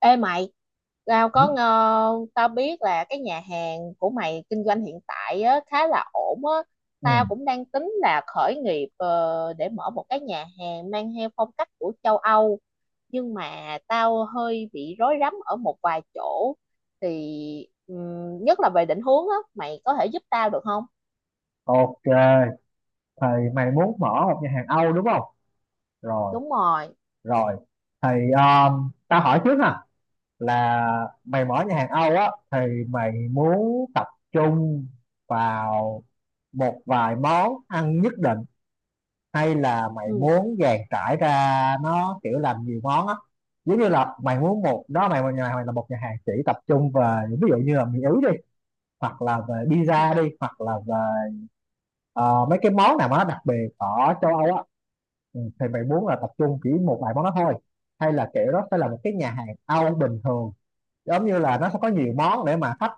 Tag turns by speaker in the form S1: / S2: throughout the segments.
S1: Ê mày, tao
S2: Ừ.
S1: có ngờ, tao biết là cái nhà hàng của mày kinh doanh hiện tại á, khá là ổn á. Tao cũng đang tính là khởi nghiệp để mở một cái nhà hàng mang theo phong cách của châu Âu. Nhưng mà tao hơi bị rối rắm ở một vài chỗ. Thì nhất là về định hướng á, mày có thể giúp tao được không?
S2: Ok, thì mày muốn mở một nhà hàng Âu đúng không? Rồi,
S1: Đúng rồi.
S2: rồi. Thì tao hỏi trước ha, là mày mở nhà hàng Âu á thì mày muốn tập trung vào một vài món ăn nhất định hay là mày muốn dàn trải ra nó kiểu làm nhiều món á? Giống như là mày muốn một đó mày nhà mày là một nhà hàng chỉ tập trung về ví dụ như là mì Ý đi, hoặc là về
S1: Ừ.
S2: pizza đi, hoặc là về... Ờ, mấy cái món nào mà nó đặc biệt ở châu Âu á, ừ, thì bạn muốn là tập trung chỉ một vài món đó thôi hay là kiểu đó sẽ là một cái nhà hàng Âu bình thường giống như là nó sẽ có nhiều món để mà khách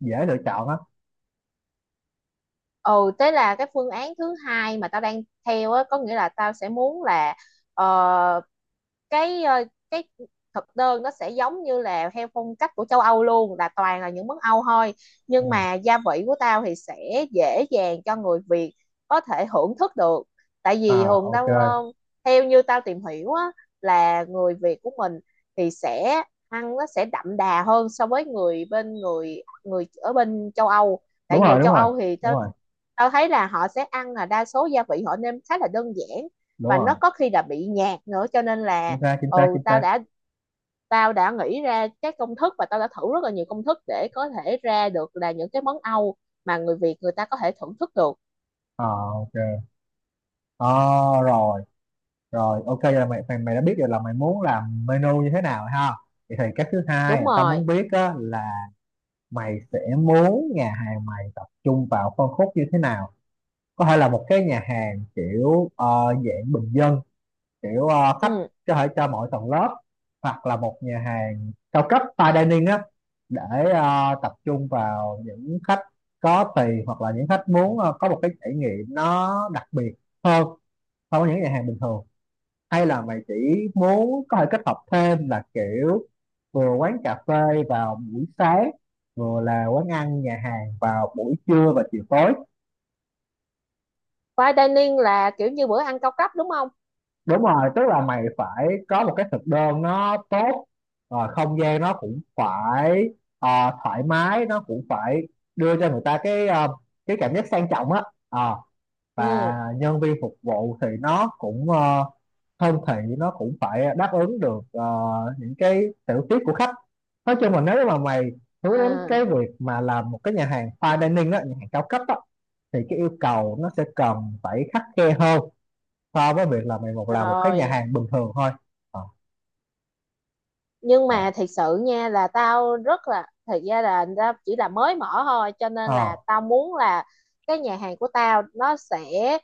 S2: dễ lựa chọn á.
S1: Ừ, thế là cái phương án thứ hai mà tao đang theo á, có nghĩa là tao sẽ muốn là ờ, cái ờ, cái thực đơn nó sẽ giống như là theo phong cách của châu Âu luôn, là toàn là những món Âu thôi,
S2: Ừ.
S1: nhưng mà gia vị của tao thì sẽ dễ dàng cho người Việt có thể hưởng thức được. Tại vì
S2: À,
S1: thường
S2: ok.
S1: theo như tao tìm hiểu á, là người Việt của mình thì sẽ ăn nó sẽ đậm đà hơn so với người ở bên châu Âu. Tại
S2: Đúng
S1: người
S2: rồi, đúng
S1: châu
S2: rồi,
S1: Âu thì
S2: đúng
S1: tao
S2: rồi,
S1: tao thấy là họ sẽ ăn, là đa số gia vị họ nêm khá là đơn giản
S2: đúng
S1: và nó
S2: rồi.
S1: có khi là bị nhạt nữa, cho nên
S2: Chính
S1: là
S2: xác, chính xác,
S1: ừ
S2: chính
S1: tao
S2: xác.
S1: đã tao đã nghĩ ra các công thức và tao đã thử rất là nhiều công thức để có thể ra được là những cái món Âu mà người Việt người ta có thể thưởng thức được.
S2: À, ok. Ờ, rồi rồi, ok vậy là mày, mày mày đã biết rồi là mày muốn làm menu như thế nào rồi ha. Vậy thì cái thứ hai
S1: Đúng
S2: là tao
S1: rồi.
S2: muốn biết á, là mày sẽ muốn nhà hàng mày tập trung vào phân khúc như thế nào, có thể là một cái nhà hàng kiểu dạng bình dân, kiểu khách
S1: Ừ.
S2: có thể cho mọi tầng lớp, hoặc là một nhà hàng cao cấp fine dining á để tập trung vào những khách có tiền hoặc là những khách muốn có một cái trải nghiệm nó đặc biệt hơn so với những nhà hàng bình thường, hay là mày chỉ muốn có thể kết hợp thêm là kiểu vừa quán cà phê vào buổi sáng, vừa là quán ăn nhà hàng vào buổi trưa và chiều tối.
S1: Fine dining là kiểu như bữa ăn cao cấp đúng không?
S2: Đúng rồi, tức là mày phải có một cái thực đơn nó tốt, không gian nó cũng phải ờ, thoải mái, nó cũng phải đưa cho người ta cái cái cảm giác sang trọng á. Ờ,
S1: Ừ.
S2: và nhân viên phục vụ thì nó cũng thân thiện, nó cũng phải đáp ứng được những cái tiểu tiết của khách. Nói chung là nếu mà mày hướng đến cái
S1: À,
S2: việc mà làm một cái nhà hàng fine dining đó, nhà hàng cao cấp á, thì cái yêu cầu nó sẽ cần phải khắt khe hơn so với việc là mày một làm một cái nhà
S1: rồi.
S2: hàng bình thường thôi. Ờ.
S1: Nhưng
S2: Ờ.
S1: mà thật sự nha, là tao rất là thật ra là tao chỉ là mới mở thôi, cho nên là
S2: Ờ.
S1: tao muốn là cái nhà hàng của tao nó sẽ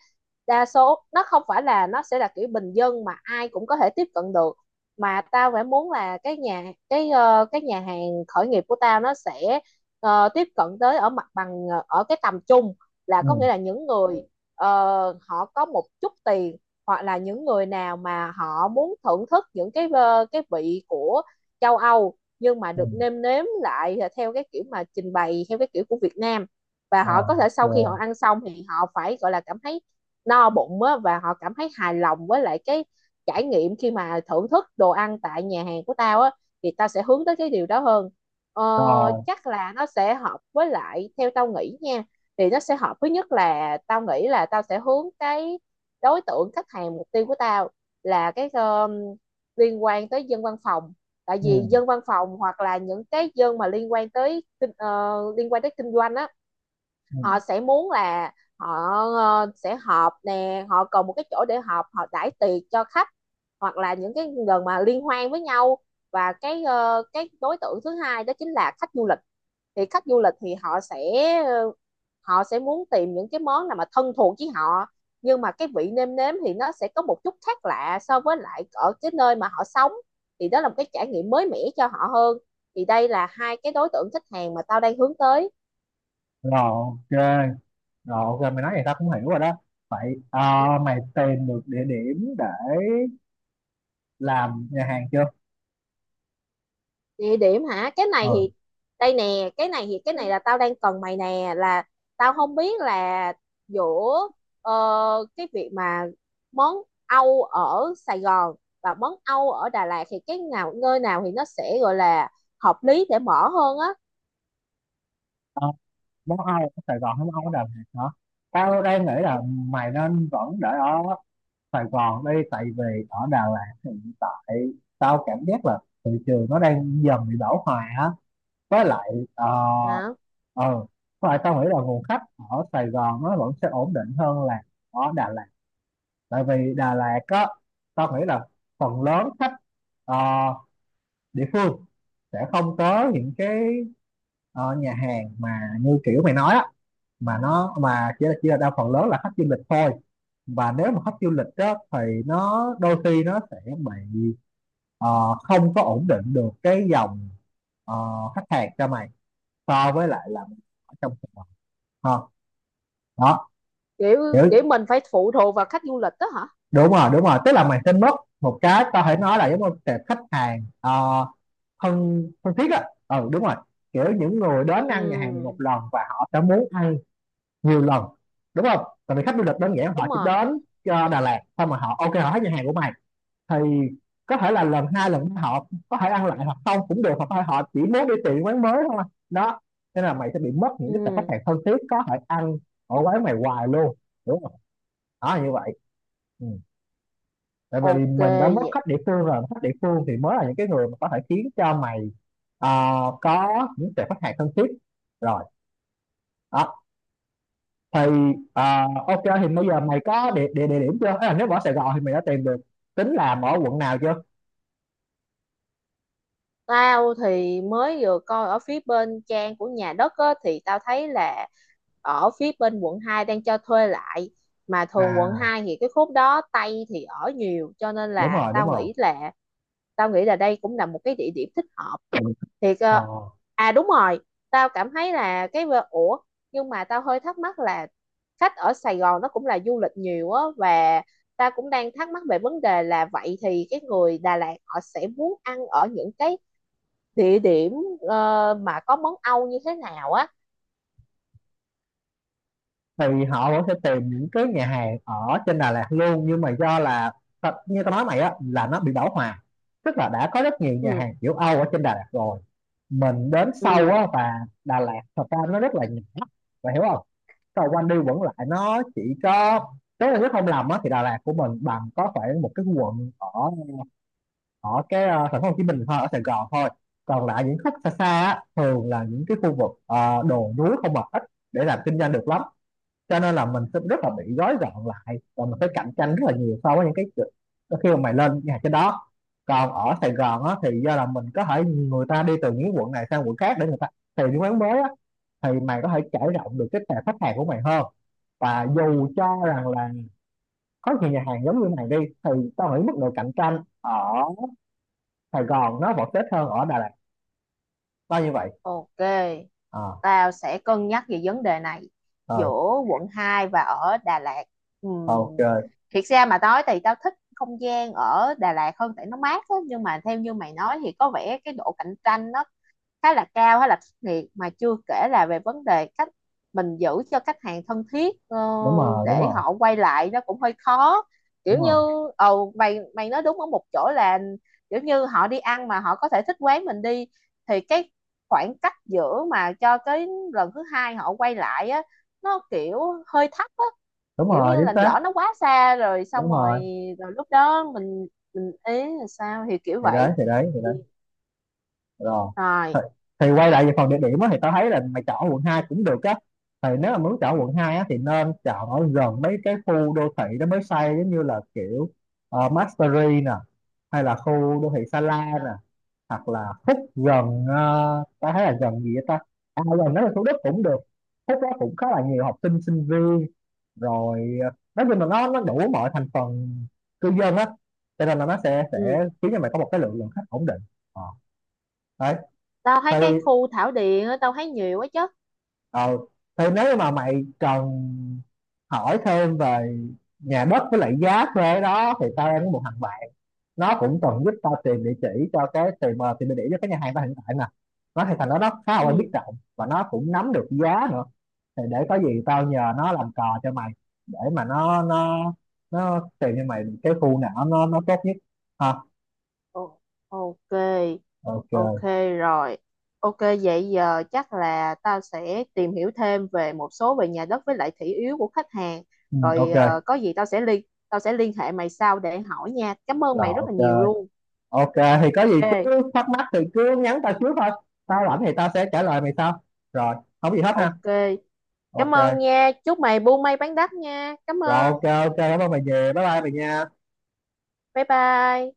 S1: đa số nó không phải là nó sẽ là kiểu bình dân mà ai cũng có thể tiếp cận được, mà tao phải muốn là cái nhà hàng khởi nghiệp của tao nó sẽ tiếp cận tới ở mặt bằng ở cái tầm trung. Là có
S2: Ừ.
S1: nghĩa là những người ờ, họ có một chút tiền, hoặc là những người nào mà họ muốn thưởng thức những cái vị của châu Âu nhưng mà
S2: Ừ.
S1: được nêm nếm lại theo cái kiểu mà trình bày theo cái kiểu của Việt Nam, và họ
S2: Ờ.
S1: có thể sau khi
S2: Rồi,
S1: họ ăn xong thì họ phải gọi là cảm thấy no bụng á, và họ cảm thấy hài lòng với lại cái trải nghiệm khi mà thưởng thức đồ ăn tại nhà hàng của tao á. Thì tao sẽ hướng tới cái điều đó hơn. ờ,
S2: rồi.
S1: Chắc là nó sẽ hợp với lại, theo tao nghĩ nha, thì nó sẽ hợp với nhất, là tao nghĩ là tao sẽ hướng cái đối tượng khách hàng mục tiêu của tao là cái liên quan tới dân văn phòng. Tại
S2: Ừ.
S1: vì dân văn phòng hoặc là những cái dân mà liên quan tới kinh doanh á,
S2: Ừ.
S1: họ sẽ muốn là họ sẽ họp nè, họ cần một cái chỗ để họp, họ đãi tiệc cho khách hoặc là những cái gần mà liên hoan với nhau. Và cái đối tượng thứ hai đó chính là khách du lịch. Thì khách du lịch thì ờ, họ sẽ muốn tìm những cái món nào mà thân thuộc với họ nhưng mà cái vị nêm nếm thì nó sẽ có một chút khác lạ so với lại ở cái nơi mà họ sống. Thì đó là một cái trải nghiệm mới mẻ cho họ hơn. Thì đây là hai cái đối tượng khách hàng mà tao đang hướng tới.
S2: Rồi, ok. Rồi, ok, mày nói vậy tao cũng hiểu rồi đó. Vậy mày tìm được địa điểm để làm nhà hàng chưa?
S1: Địa điểm hả? Cái này thì
S2: Ừ.
S1: đây nè, cái này là tao đang cần mày nè, là tao không biết là giữa ờ, cái việc mà món Âu ở Sài Gòn và món Âu ở Đà Lạt thì cái nào, nơi nào thì nó sẽ gọi là hợp lý để mở hơn á.
S2: ờ, món Âu ở Sài Gòn hay món Âu ở Đà Lạt hả? Tao đang nghĩ là mày nên vẫn để ở Sài Gòn đi, tại vì ở Đà Lạt hiện tại tao cảm giác là thị trường nó đang dần bị bão hòa á, với lại ờ
S1: Dạ.
S2: ờ, với lại tao nghĩ là nguồn khách ở Sài Gòn nó vẫn sẽ ổn định hơn là ở Đà Lạt, tại vì Đà Lạt á, tao nghĩ là phần lớn khách ờ, địa phương sẽ không có những cái nhà hàng mà như kiểu mày nói á, mà nó mà chỉ là đa phần lớn là khách du lịch thôi, và nếu mà khách du lịch đó thì nó đôi khi nó sẽ bị không có ổn định được cái dòng ờ, khách hàng cho mày, so với lại là ở trong... Ờ, đó,
S1: kiểu
S2: hiểu.
S1: kiểu mình phải phụ thuộc vào khách du lịch đó hả?
S2: Đúng rồi, đúng rồi, tức là mình sẽ mất một cái có thể nói là giống như tệp khách hàng thân thân thiết á. Ừ, đúng rồi. Kiểu những người đến ăn nhà hàng mình một
S1: Ừ,
S2: lần và họ sẽ muốn ăn nhiều lần. Đúng không? Tại vì khách du lịch đơn giản họ
S1: đúng
S2: chỉ
S1: rồi.
S2: đến Đà Lạt xong mà họ ok, họ thấy nhà hàng của mày thì có thể là lần hai lần ba họ có thể ăn lại hoặc không cũng được, hoặc thôi họ chỉ muốn đi tìm quán mới thôi. Đó, nên là mày sẽ bị mất những cái tệp khách
S1: Ừ.
S2: hàng thân thiết có thể ăn ở quán mày hoài luôn, đúng không? Đó là như vậy. Ừ. Tại vì
S1: OK,
S2: mình đã mất
S1: vậy.
S2: khách địa phương rồi, khách địa phương thì mới là những cái người mà có thể khiến cho mày ờ, có những tệp khách hàng thân thiết, rồi đó. Thì ờ, ok thì bây giờ mày có địa điểm chưa? Tức là nếu mà ở Sài Gòn thì mày đã tìm được tính làm ở quận nào chưa?
S1: Tao thì mới vừa coi ở phía bên trang của nhà đất á, thì tao thấy là ở phía bên quận 2 đang cho thuê lại, mà thường quận
S2: À,
S1: 2 thì cái khúc đó Tây thì ở nhiều, cho nên
S2: đúng
S1: là
S2: rồi, đúng
S1: tao
S2: rồi.
S1: nghĩ là tao nghĩ là đây cũng là một cái địa điểm thích hợp. Thiệt
S2: Ờ,
S1: à, đúng rồi. Tao cảm thấy là cái ủa, nhưng mà tao hơi thắc mắc là khách ở Sài Gòn nó cũng là du lịch nhiều á, và tao cũng đang thắc mắc về vấn đề là vậy thì cái người Đà Lạt họ sẽ muốn ăn ở những cái địa điểm mà có món Âu như thế nào á.
S2: thì họ vẫn sẽ tìm những cái nhà hàng ở trên Đà Lạt luôn, nhưng mà do là như tao nói mày á là nó bị bão hòa, tức là đã có rất nhiều nhà
S1: Ừ.
S2: hàng kiểu Âu ở trên Đà Lạt rồi, mình đến sâu
S1: Ừ.
S2: á. Và Đà Lạt thật ra nó rất là nhỏ, bạn hiểu không? Cầu quanh đi vẫn lại nó chỉ có, nếu là nếu không lầm á thì Đà Lạt của mình bằng có khoảng một cái quận ở ở cái thành phố Hồ Chí Minh thôi, ở Sài Gòn thôi. Còn lại những khúc xa xa á, thường là những cái khu vực đồi núi không, mà ít để làm kinh doanh được lắm, cho nên là mình sẽ rất là bị gói gọn lại và mình phải cạnh tranh rất là nhiều so với những cái chỗ, đôi khi mà mày lên nhà cái đó. Còn ở Sài Gòn á thì do là mình có thể người ta đi từ những quận này sang quận khác để người ta tìm những quán mới á, thì mày có thể trải rộng được cái tệp khách hàng của mày hơn, và dù cho rằng là có nhiều nhà hàng giống như này đi thì tao nghĩ mức độ cạnh tranh ở Sài Gòn nó vẫn tốt hơn ở Đà Lạt, tao như vậy.
S1: OK,
S2: À.
S1: tao sẽ cân nhắc về vấn đề này,
S2: Ờ.
S1: giữa quận 2 và ở Đà Lạt. Ừ.
S2: Ok.
S1: Thiệt ra mà nói thì tao thích không gian ở Đà Lạt hơn tại nó mát á, nhưng mà theo như mày nói thì có vẻ cái độ cạnh tranh nó khá là cao, khá là khắc nghiệt, mà chưa kể là về vấn đề cách mình giữ cho khách hàng thân thiết,
S2: Đúng rồi, đúng
S1: để
S2: rồi,
S1: họ quay lại nó cũng hơi khó,
S2: đúng
S1: kiểu như.
S2: rồi,
S1: Ồ, mày mày nói đúng ở một chỗ là kiểu như họ đi ăn mà họ có thể thích quán mình đi, thì cái khoảng cách giữa mà cho cái lần thứ hai họ quay lại á, nó kiểu hơi thấp á,
S2: đúng
S1: kiểu
S2: rồi.
S1: như
S2: Chính
S1: là
S2: xác,
S1: lỡ nó quá xa rồi, xong
S2: đúng rồi.
S1: rồi rồi lúc đó mình ý là sao thì kiểu
S2: Thì đấy,
S1: vậy.
S2: thì đấy, thì
S1: Thì-
S2: đấy. Rồi.
S1: Rồi.
S2: thì, thì quay lại về phần địa điểm á, thì tao thấy là mày chọn quận 2 cũng được á. Thì nếu mà muốn chọn quận 2 á, thì nên chọn ở gần mấy cái khu đô thị đó mới xây, giống như là kiểu Mastery nè, hay là khu đô thị Sa La nè, hoặc là Phúc gần... tao thấy là gần gì vậy ta, à gần đó là Thủ Đức cũng được. Phúc đó cũng khá là nhiều học sinh sinh viên, rồi nói chung là nó đủ mọi thành phần cư dân á, cho nên là nó sẽ
S1: Ừ.
S2: sẽ khiến cho mày có một cái lượng lượng khách ổn định. Ờ. Đấy.
S1: Tao
S2: Thì
S1: thấy cái khu Thảo Điền á, tao thấy nhiều quá chứ.
S2: ờ thì nếu mà mày cần hỏi thêm về nhà đất với lại giá thuê đó thì tao đang có một thằng bạn, nó cũng từng giúp tao tìm địa chỉ cho cái tìm tìm địa chỉ cho cái nhà hàng tao hiện tại nè. Nó thì thằng đó nó khá là quen biết
S1: Ừ.
S2: rộng và nó cũng nắm được giá nữa. Thì để có gì tao nhờ nó làm cò cho mày, để mà nó nó tìm cho mày cái khu nào nó tốt nhất, ha.
S1: Ồ, OK. OK.
S2: Ok.
S1: Rồi. OK, vậy giờ chắc là tao sẽ tìm hiểu thêm về một số về nhà đất với lại thị yếu của khách hàng.
S2: Ừ,
S1: Rồi,
S2: ok.
S1: có gì tao sẽ liên hệ mày sau để hỏi nha. Cảm ơn
S2: Rồi,
S1: mày rất là
S2: ok,
S1: nhiều luôn.
S2: ok. Thì có gì
S1: OK.
S2: cứ thắc mắc thì cứ nhắn tao trước thôi, tao rảnh thì tao sẽ trả lời mày sau. Rồi, không gì hết ha.
S1: OK, cảm ơn
S2: Ok.
S1: nha, chúc mày buôn may bán đắt nha. Cảm
S2: Rồi,
S1: ơn.
S2: ok, ok, cảm ơn mày nhiều, bye bye mày nha.
S1: Bye bye.